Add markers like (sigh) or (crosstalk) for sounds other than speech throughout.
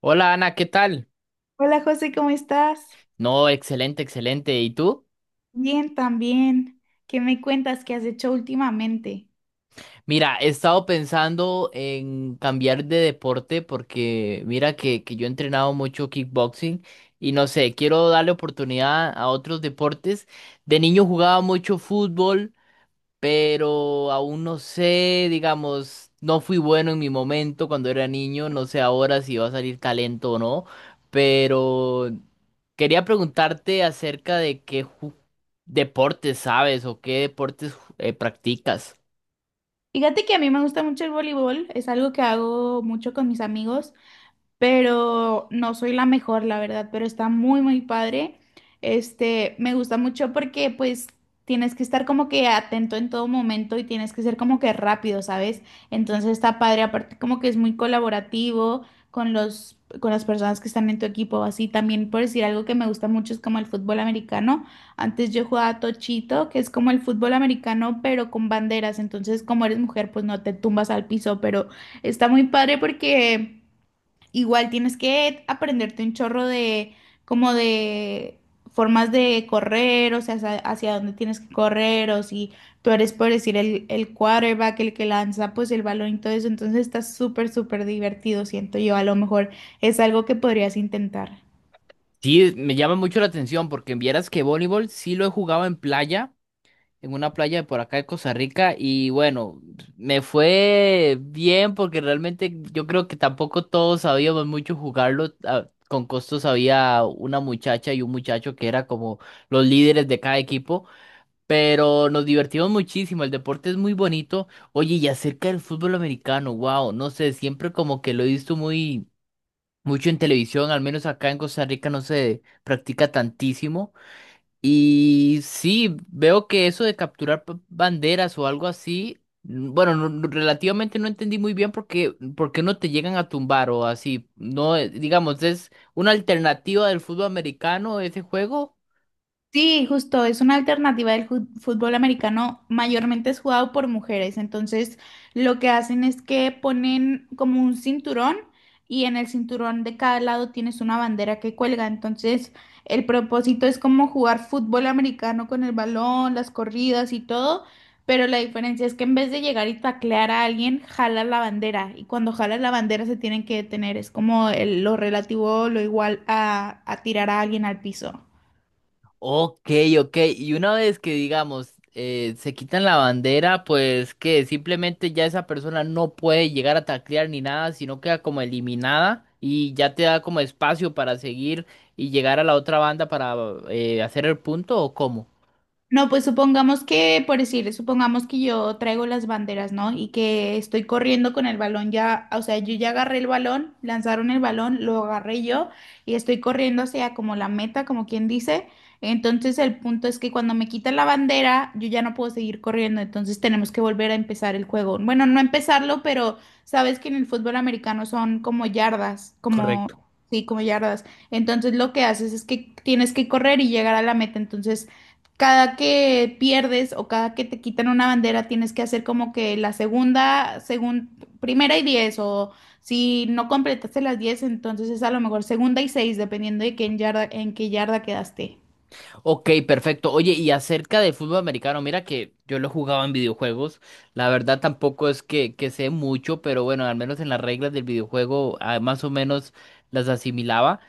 Hola Ana, ¿qué tal? Hola José, ¿cómo estás? No, excelente, excelente. ¿Y tú? Bien, también. ¿Qué me cuentas? ¿Qué has hecho últimamente? Mira, he estado pensando en cambiar de deporte porque mira que yo he entrenado mucho kickboxing y no sé, quiero darle oportunidad a otros deportes. De niño jugaba mucho fútbol, pero aún no sé, digamos, no fui bueno en mi momento cuando era niño, no sé ahora si va a salir talento o no, pero quería preguntarte acerca de deportes sabes o qué deportes practicas. Fíjate que a mí me gusta mucho el voleibol, es algo que hago mucho con mis amigos pero no soy la mejor, la verdad, pero está muy padre. Me gusta mucho porque pues tienes que estar como que atento en todo momento y tienes que ser como que rápido, ¿sabes? Entonces está padre, aparte como que es muy colaborativo con con las personas que están en tu equipo, así también por decir algo que me gusta mucho es como el fútbol americano. Antes yo jugaba tochito, que es como el fútbol americano, pero con banderas. Entonces, como eres mujer, pues no te tumbas al piso, pero está muy padre porque igual tienes que aprenderte un chorro de como de formas de correr, o sea, hacia dónde tienes que correr, o si tú eres, por decir, el quarterback, el que lanza pues el balón y todo eso, entonces está súper divertido, siento yo. A lo mejor es algo que podrías intentar. Sí, me llama mucho la atención porque vieras que voleibol sí lo he jugado en playa, en una playa de por acá de Costa Rica y bueno, me fue bien porque realmente yo creo que tampoco todos sabíamos mucho jugarlo. Con costos había una muchacha y un muchacho que era como los líderes de cada equipo, pero nos divertimos muchísimo, el deporte es muy bonito. Oye, y acerca del fútbol americano, wow, no sé, siempre como que lo he visto muy mucho en televisión, al menos acá en Costa Rica no se practica tantísimo. Y sí, veo que eso de capturar banderas o algo así, mm, bueno, relativamente no entendí muy bien porque no te llegan a tumbar o así. No, digamos, es una alternativa del fútbol americano ese juego. Sí, justo, es una alternativa del fútbol americano, mayormente es jugado por mujeres, entonces lo que hacen es que ponen como un cinturón y en el cinturón de cada lado tienes una bandera que cuelga, entonces el propósito es como jugar fútbol americano con el balón, las corridas y todo, pero la diferencia es que en vez de llegar y taclear a alguien, jala la bandera y cuando jala la bandera se tienen que detener, es como lo relativo, lo igual a tirar a alguien al piso. Ok, ok. Y una vez que, digamos, se quitan la bandera, pues que simplemente ya esa persona no puede llegar a taclear ni nada, sino queda como eliminada y ya te da como espacio para seguir y llegar a la otra banda para hacer el punto o cómo. No, pues supongamos que, por decir, supongamos que yo traigo las banderas, ¿no? Y que estoy corriendo con el balón ya, o sea, yo ya agarré el balón, lanzaron el balón, lo agarré yo y estoy corriendo hacia como la meta, como quien dice. Entonces el punto es que cuando me quitan la bandera, yo ya no puedo seguir corriendo, entonces tenemos que volver a empezar el juego. Bueno, no empezarlo, pero sabes que en el fútbol americano son como yardas, como, sí, como yardas. Entonces lo que haces es que tienes que correr y llegar a la meta, entonces cada que pierdes o cada que te quitan una bandera, tienes que hacer como que la segunda, según 1.ª y 10, o si no completaste las 10, entonces es a lo mejor 2.ª y 6, dependiendo de qué en yarda, en qué yarda quedaste. Ok, perfecto. Oye, y acerca de fútbol americano, mira que yo lo jugaba en videojuegos. La verdad tampoco es que sé mucho, pero bueno, al menos en las reglas del videojuego ah, más o menos las asimilaba.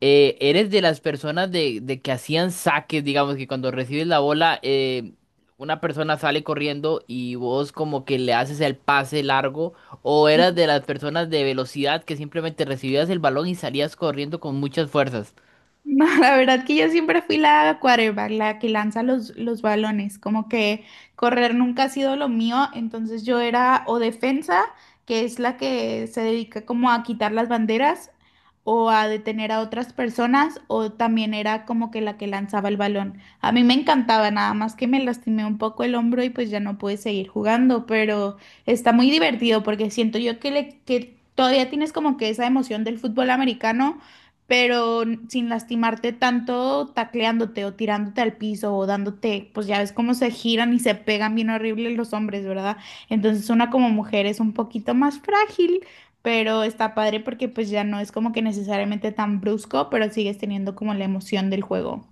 ¿Eres de las personas de que hacían saques, digamos, que cuando recibes la bola, una persona sale corriendo y vos como que le haces el pase largo? ¿O eras de las personas de velocidad que simplemente recibías el balón y salías corriendo con muchas fuerzas? (laughs) Ma, la verdad que yo siempre fui la quarterback, la que lanza los balones, como que correr nunca ha sido lo mío, entonces yo era o defensa, que es la que se dedica como a quitar las banderas o a detener a otras personas, o también era como que la que lanzaba el balón. A mí me encantaba, nada más que me lastimé un poco el hombro y pues ya no pude seguir jugando, pero está muy divertido porque siento yo que todavía tienes como que esa emoción del fútbol americano pero sin lastimarte tanto, tacleándote o tirándote al piso o dándote, pues ya ves cómo se giran y se pegan bien horrible los hombres, ¿verdad? Entonces una como mujer es un poquito más frágil, pero está padre porque pues ya no es como que necesariamente tan brusco, pero sigues teniendo como la emoción del juego.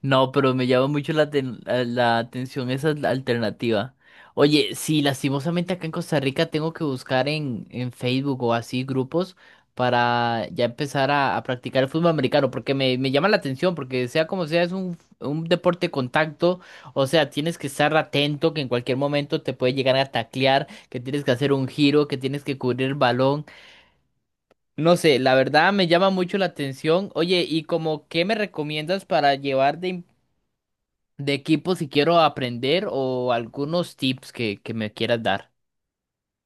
No, pero me llama mucho la atención esa alternativa. Oye, sí, lastimosamente acá en Costa Rica tengo que buscar en Facebook o así grupos para ya empezar a practicar el fútbol americano, porque me llama la atención, porque sea como sea, es un deporte de contacto, o sea, tienes que estar atento, que en cualquier momento te puede llegar a taclear, que tienes que hacer un giro, que tienes que cubrir el balón. No sé, la verdad me llama mucho la atención. Oye, ¿y como qué me recomiendas para llevar de equipo si quiero aprender o algunos tips que me quieras dar?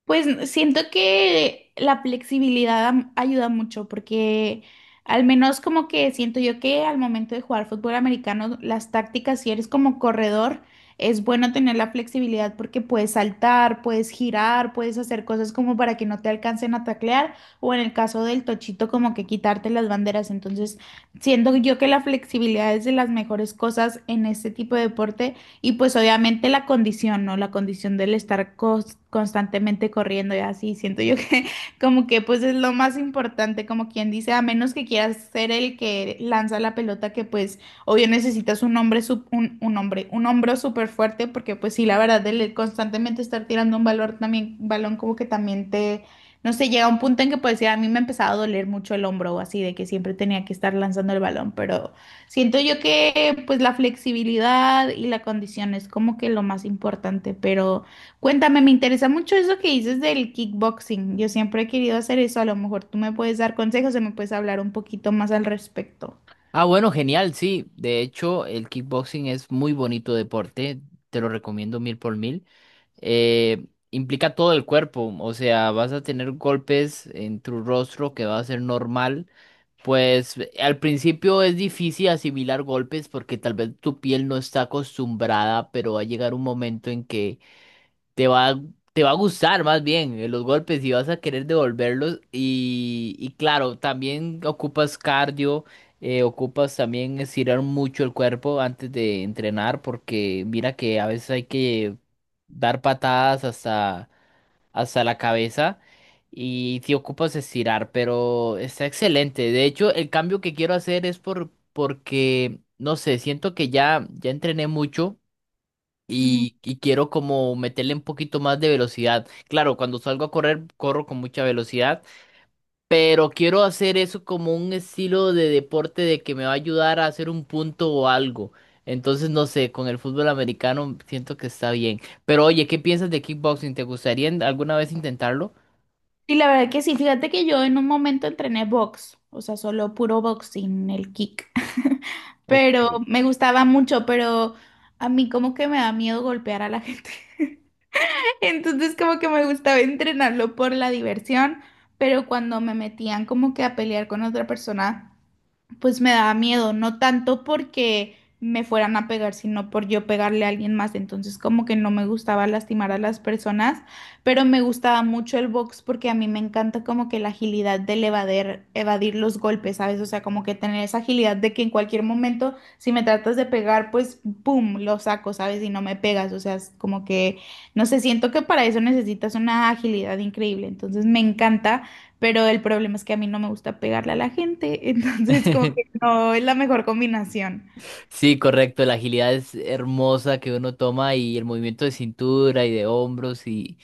Pues siento que la flexibilidad ayuda mucho porque al menos como que siento yo que al momento de jugar fútbol americano, las tácticas, si eres como corredor, es bueno tener la flexibilidad porque puedes saltar, puedes girar, puedes hacer cosas como para que no te alcancen a taclear o en el caso del tochito como que quitarte las banderas. Entonces siento yo que la flexibilidad es de las mejores cosas en este tipo de deporte y pues obviamente la condición, ¿no? La condición del estar constantemente corriendo y así, siento yo que (laughs) como que pues es lo más importante, como quien dice, a menos que quieras ser el que lanza la pelota, que pues obvio necesitas un hombre, un hombre, un hombro súper fuerte, porque pues sí, la verdad, el constantemente estar tirando balón como que también te, no sé, llega un punto en que pues sí, a mí me empezaba a doler mucho el hombro o así, de que siempre tenía que estar lanzando el balón, pero... Siento yo que pues la flexibilidad y la condición es como que lo más importante, pero cuéntame, me interesa mucho eso que dices del kickboxing. Yo siempre he querido hacer eso, a lo mejor tú me puedes dar consejos o me puedes hablar un poquito más al respecto. Ah, bueno, genial, sí. De hecho, el kickboxing es muy bonito deporte. Te lo recomiendo mil por mil. Implica todo el cuerpo, o sea, vas a tener golpes en tu rostro que va a ser normal. Pues al principio es difícil asimilar golpes porque tal vez tu piel no está acostumbrada, pero va a llegar un momento en que te va, a- te va a gustar más bien los golpes y vas a querer devolverlos. Y claro, también ocupas cardio, ocupas también estirar mucho el cuerpo antes de entrenar, porque mira que a veces hay que dar patadas hasta la cabeza. Y si ocupas estirar, pero está excelente. De hecho, el cambio que quiero hacer es porque, no sé, siento que ya entrené mucho Ujú. y quiero como meterle un poquito más de velocidad. Claro, cuando salgo a correr, corro con mucha velocidad, pero quiero hacer eso como un estilo de deporte de que me va a ayudar a hacer un punto o algo. Entonces, no sé, con el fútbol americano siento que está bien. Pero oye, ¿qué piensas de kickboxing? ¿Te gustaría alguna vez intentarlo? Y la verdad que sí, fíjate que yo en un momento entrené box, o sea, solo puro boxing, el kick. (laughs) O- Pero me gustaba mucho, pero a mí como que me da miedo golpear a la (laughs) gente. (laughs) Entonces como que me gustaba entrenarlo por la diversión, pero cuando me metían como que a pelear con otra persona pues me daba miedo, no tanto porque me fueran a pegar, sino por yo pegarle a alguien más. Entonces, como que no me gustaba lastimar a las personas, pero me gustaba mucho el box porque a mí me encanta como que la agilidad del evadir los golpes, ¿sabes? O sea, como que tener esa agilidad de que en cualquier momento, si me tratas de pegar, pues, ¡pum!, lo saco, ¿sabes? Y no me pegas. O sea, es como que, no sé, siento que para eso necesitas una agilidad increíble. Entonces, me encanta. Pero el problema es que a mí no me gusta pegarle a la gente, (laughs) entonces como que (laughs) no es la mejor combinación. Sí, correcto, la agilidad es hermosa que uno toma y el movimiento de cintura y de hombros y,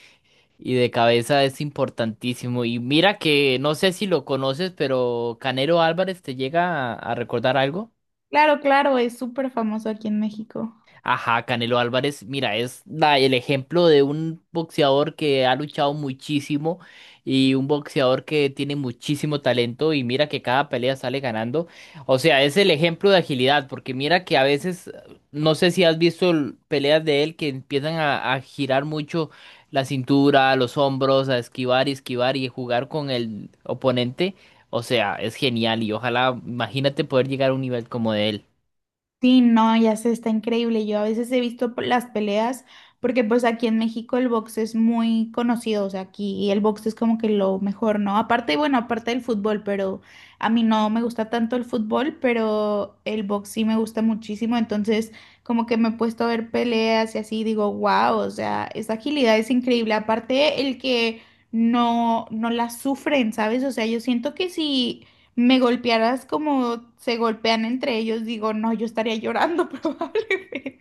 Y de cabeza es importantísimo. Y mira que no sé si lo conoces, pero Canero Álvarez te llega a recordar algo. Claro, claro, es súper famoso aquí en México. Ajá, Canelo Álvarez, mira, es el ejemplo de un boxeador que ha luchado muchísimo y un boxeador que tiene muchísimo talento y mira que cada pelea sale ganando. O sea, es el ejemplo de agilidad, porque mira que a veces, no sé si has visto peleas de él que empiezan a girar mucho la cintura, los hombros, a esquivar y esquivar y jugar con el oponente. O sea, es genial y ojalá, imagínate poder llegar a un nivel como de él. Sí, no, ya sé, está increíble. Yo a veces he visto las peleas porque pues aquí en México el box es muy conocido, o sea, aquí el box es como que lo mejor, ¿no? Aparte, bueno, aparte del fútbol, pero a mí no me gusta tanto el fútbol, pero el box sí me gusta muchísimo, entonces como que me he puesto a ver peleas y así y digo, wow, o sea, esa agilidad es increíble. Aparte el que no la sufren, ¿sabes? O sea, yo siento que si me golpearas como se golpean entre ellos, digo, no, yo estaría llorando (laughs) probablemente.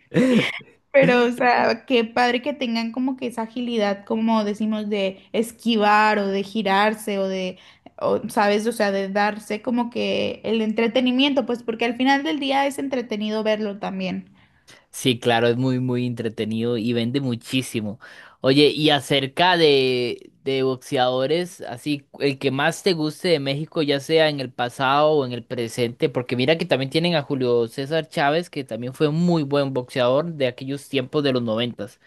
Pero, o sea, qué padre que tengan como que esa agilidad, como decimos, de esquivar o de girarse o ¿sabes? O sea, de darse como que el entretenimiento, pues porque al final del día es entretenido verlo también. Sí, claro, es muy, muy entretenido y vende muchísimo. Oye, y acerca de boxeadores, así, el que más te guste de México, ya sea en el pasado o en el presente, porque mira que también tienen a Julio César Chávez, que también fue un muy buen boxeador de aquellos tiempos de los noventas.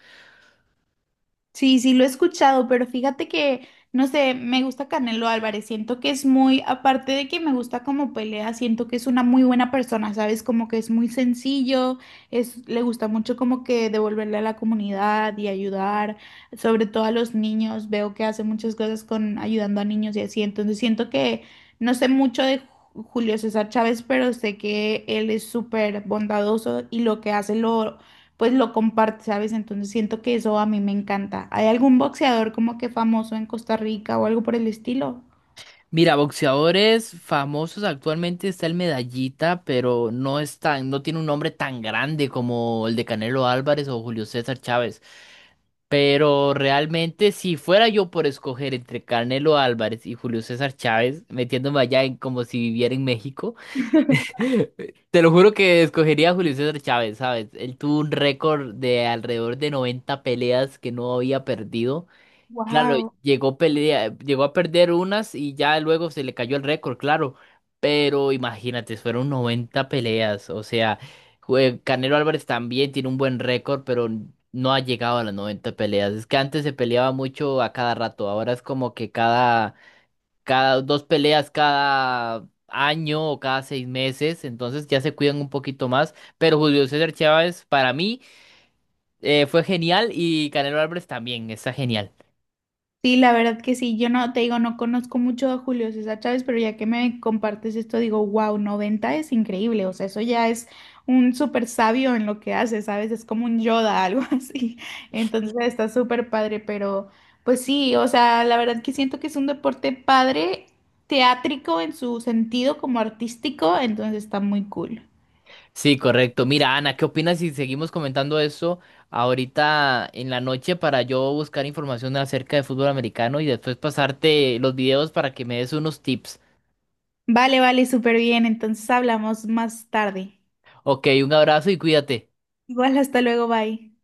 Sí, sí, lo he escuchado, pero fíjate que, no sé, me gusta Canelo Álvarez, siento que es muy, aparte de que me gusta como pelea, siento que es una muy buena persona, ¿sabes? Como que es muy sencillo, es, le gusta mucho como que devolverle a la comunidad y ayudar, sobre todo a los niños, veo que hace muchas cosas con ayudando a niños y así, entonces siento que no sé mucho de Julio César Chávez, pero sé que él es súper bondadoso y lo que hace lo pues lo comparte, ¿sabes? Entonces siento que eso a mí me encanta. ¿Hay algún boxeador como que famoso en Costa Rica o algo por el estilo? Mira, boxeadores famosos actualmente está el Medallita, pero no es tan, no tiene un nombre tan grande como el de Canelo Álvarez o Julio César Chávez. Pero realmente, si fuera yo por escoger entre Canelo Álvarez y Julio César Chávez, metiéndome allá en como si viviera en México, te lo juro que escogería a Julio César Chávez, ¿sabes? Él tuvo un récord de alrededor de 90 peleas que no había perdido. Claro, Wow. llegó, pelea, llegó a perder unas y ya luego se le cayó el récord, claro. Pero imagínate, fueron 90 peleas. O sea, Canelo Álvarez también tiene un buen récord, pero no ha llegado a las 90 peleas. Es que antes se peleaba mucho a cada rato. Ahora es como que cada 2 peleas cada año o cada 6 meses. Entonces ya se cuidan un poquito más. Pero Julio César Chávez, para mí, fue genial y Canelo Álvarez también está genial. Sí, la verdad que sí. Yo no, te digo, no conozco mucho a Julio César Chávez, pero ya que me compartes esto, digo, wow, 90 es increíble. O sea, eso ya es un súper sabio en lo que hace, ¿sabes? Es como un Yoda, (laughs) algo así. Entonces está súper padre, pero pues sí, o sea, la verdad que siento que es un deporte padre, teátrico en su sentido como artístico, entonces está muy cool. Sí, correcto. Mira, Ana, ¿qué opinas si seguimos comentando eso ahorita en la noche para yo buscar información acerca de fútbol americano y después pasarte los videos para que me des unos tips? Vale, vale, súper bien. Entonces hablamos más tarde. Ok, un abrazo y cuídate. Igual, hasta luego, bye.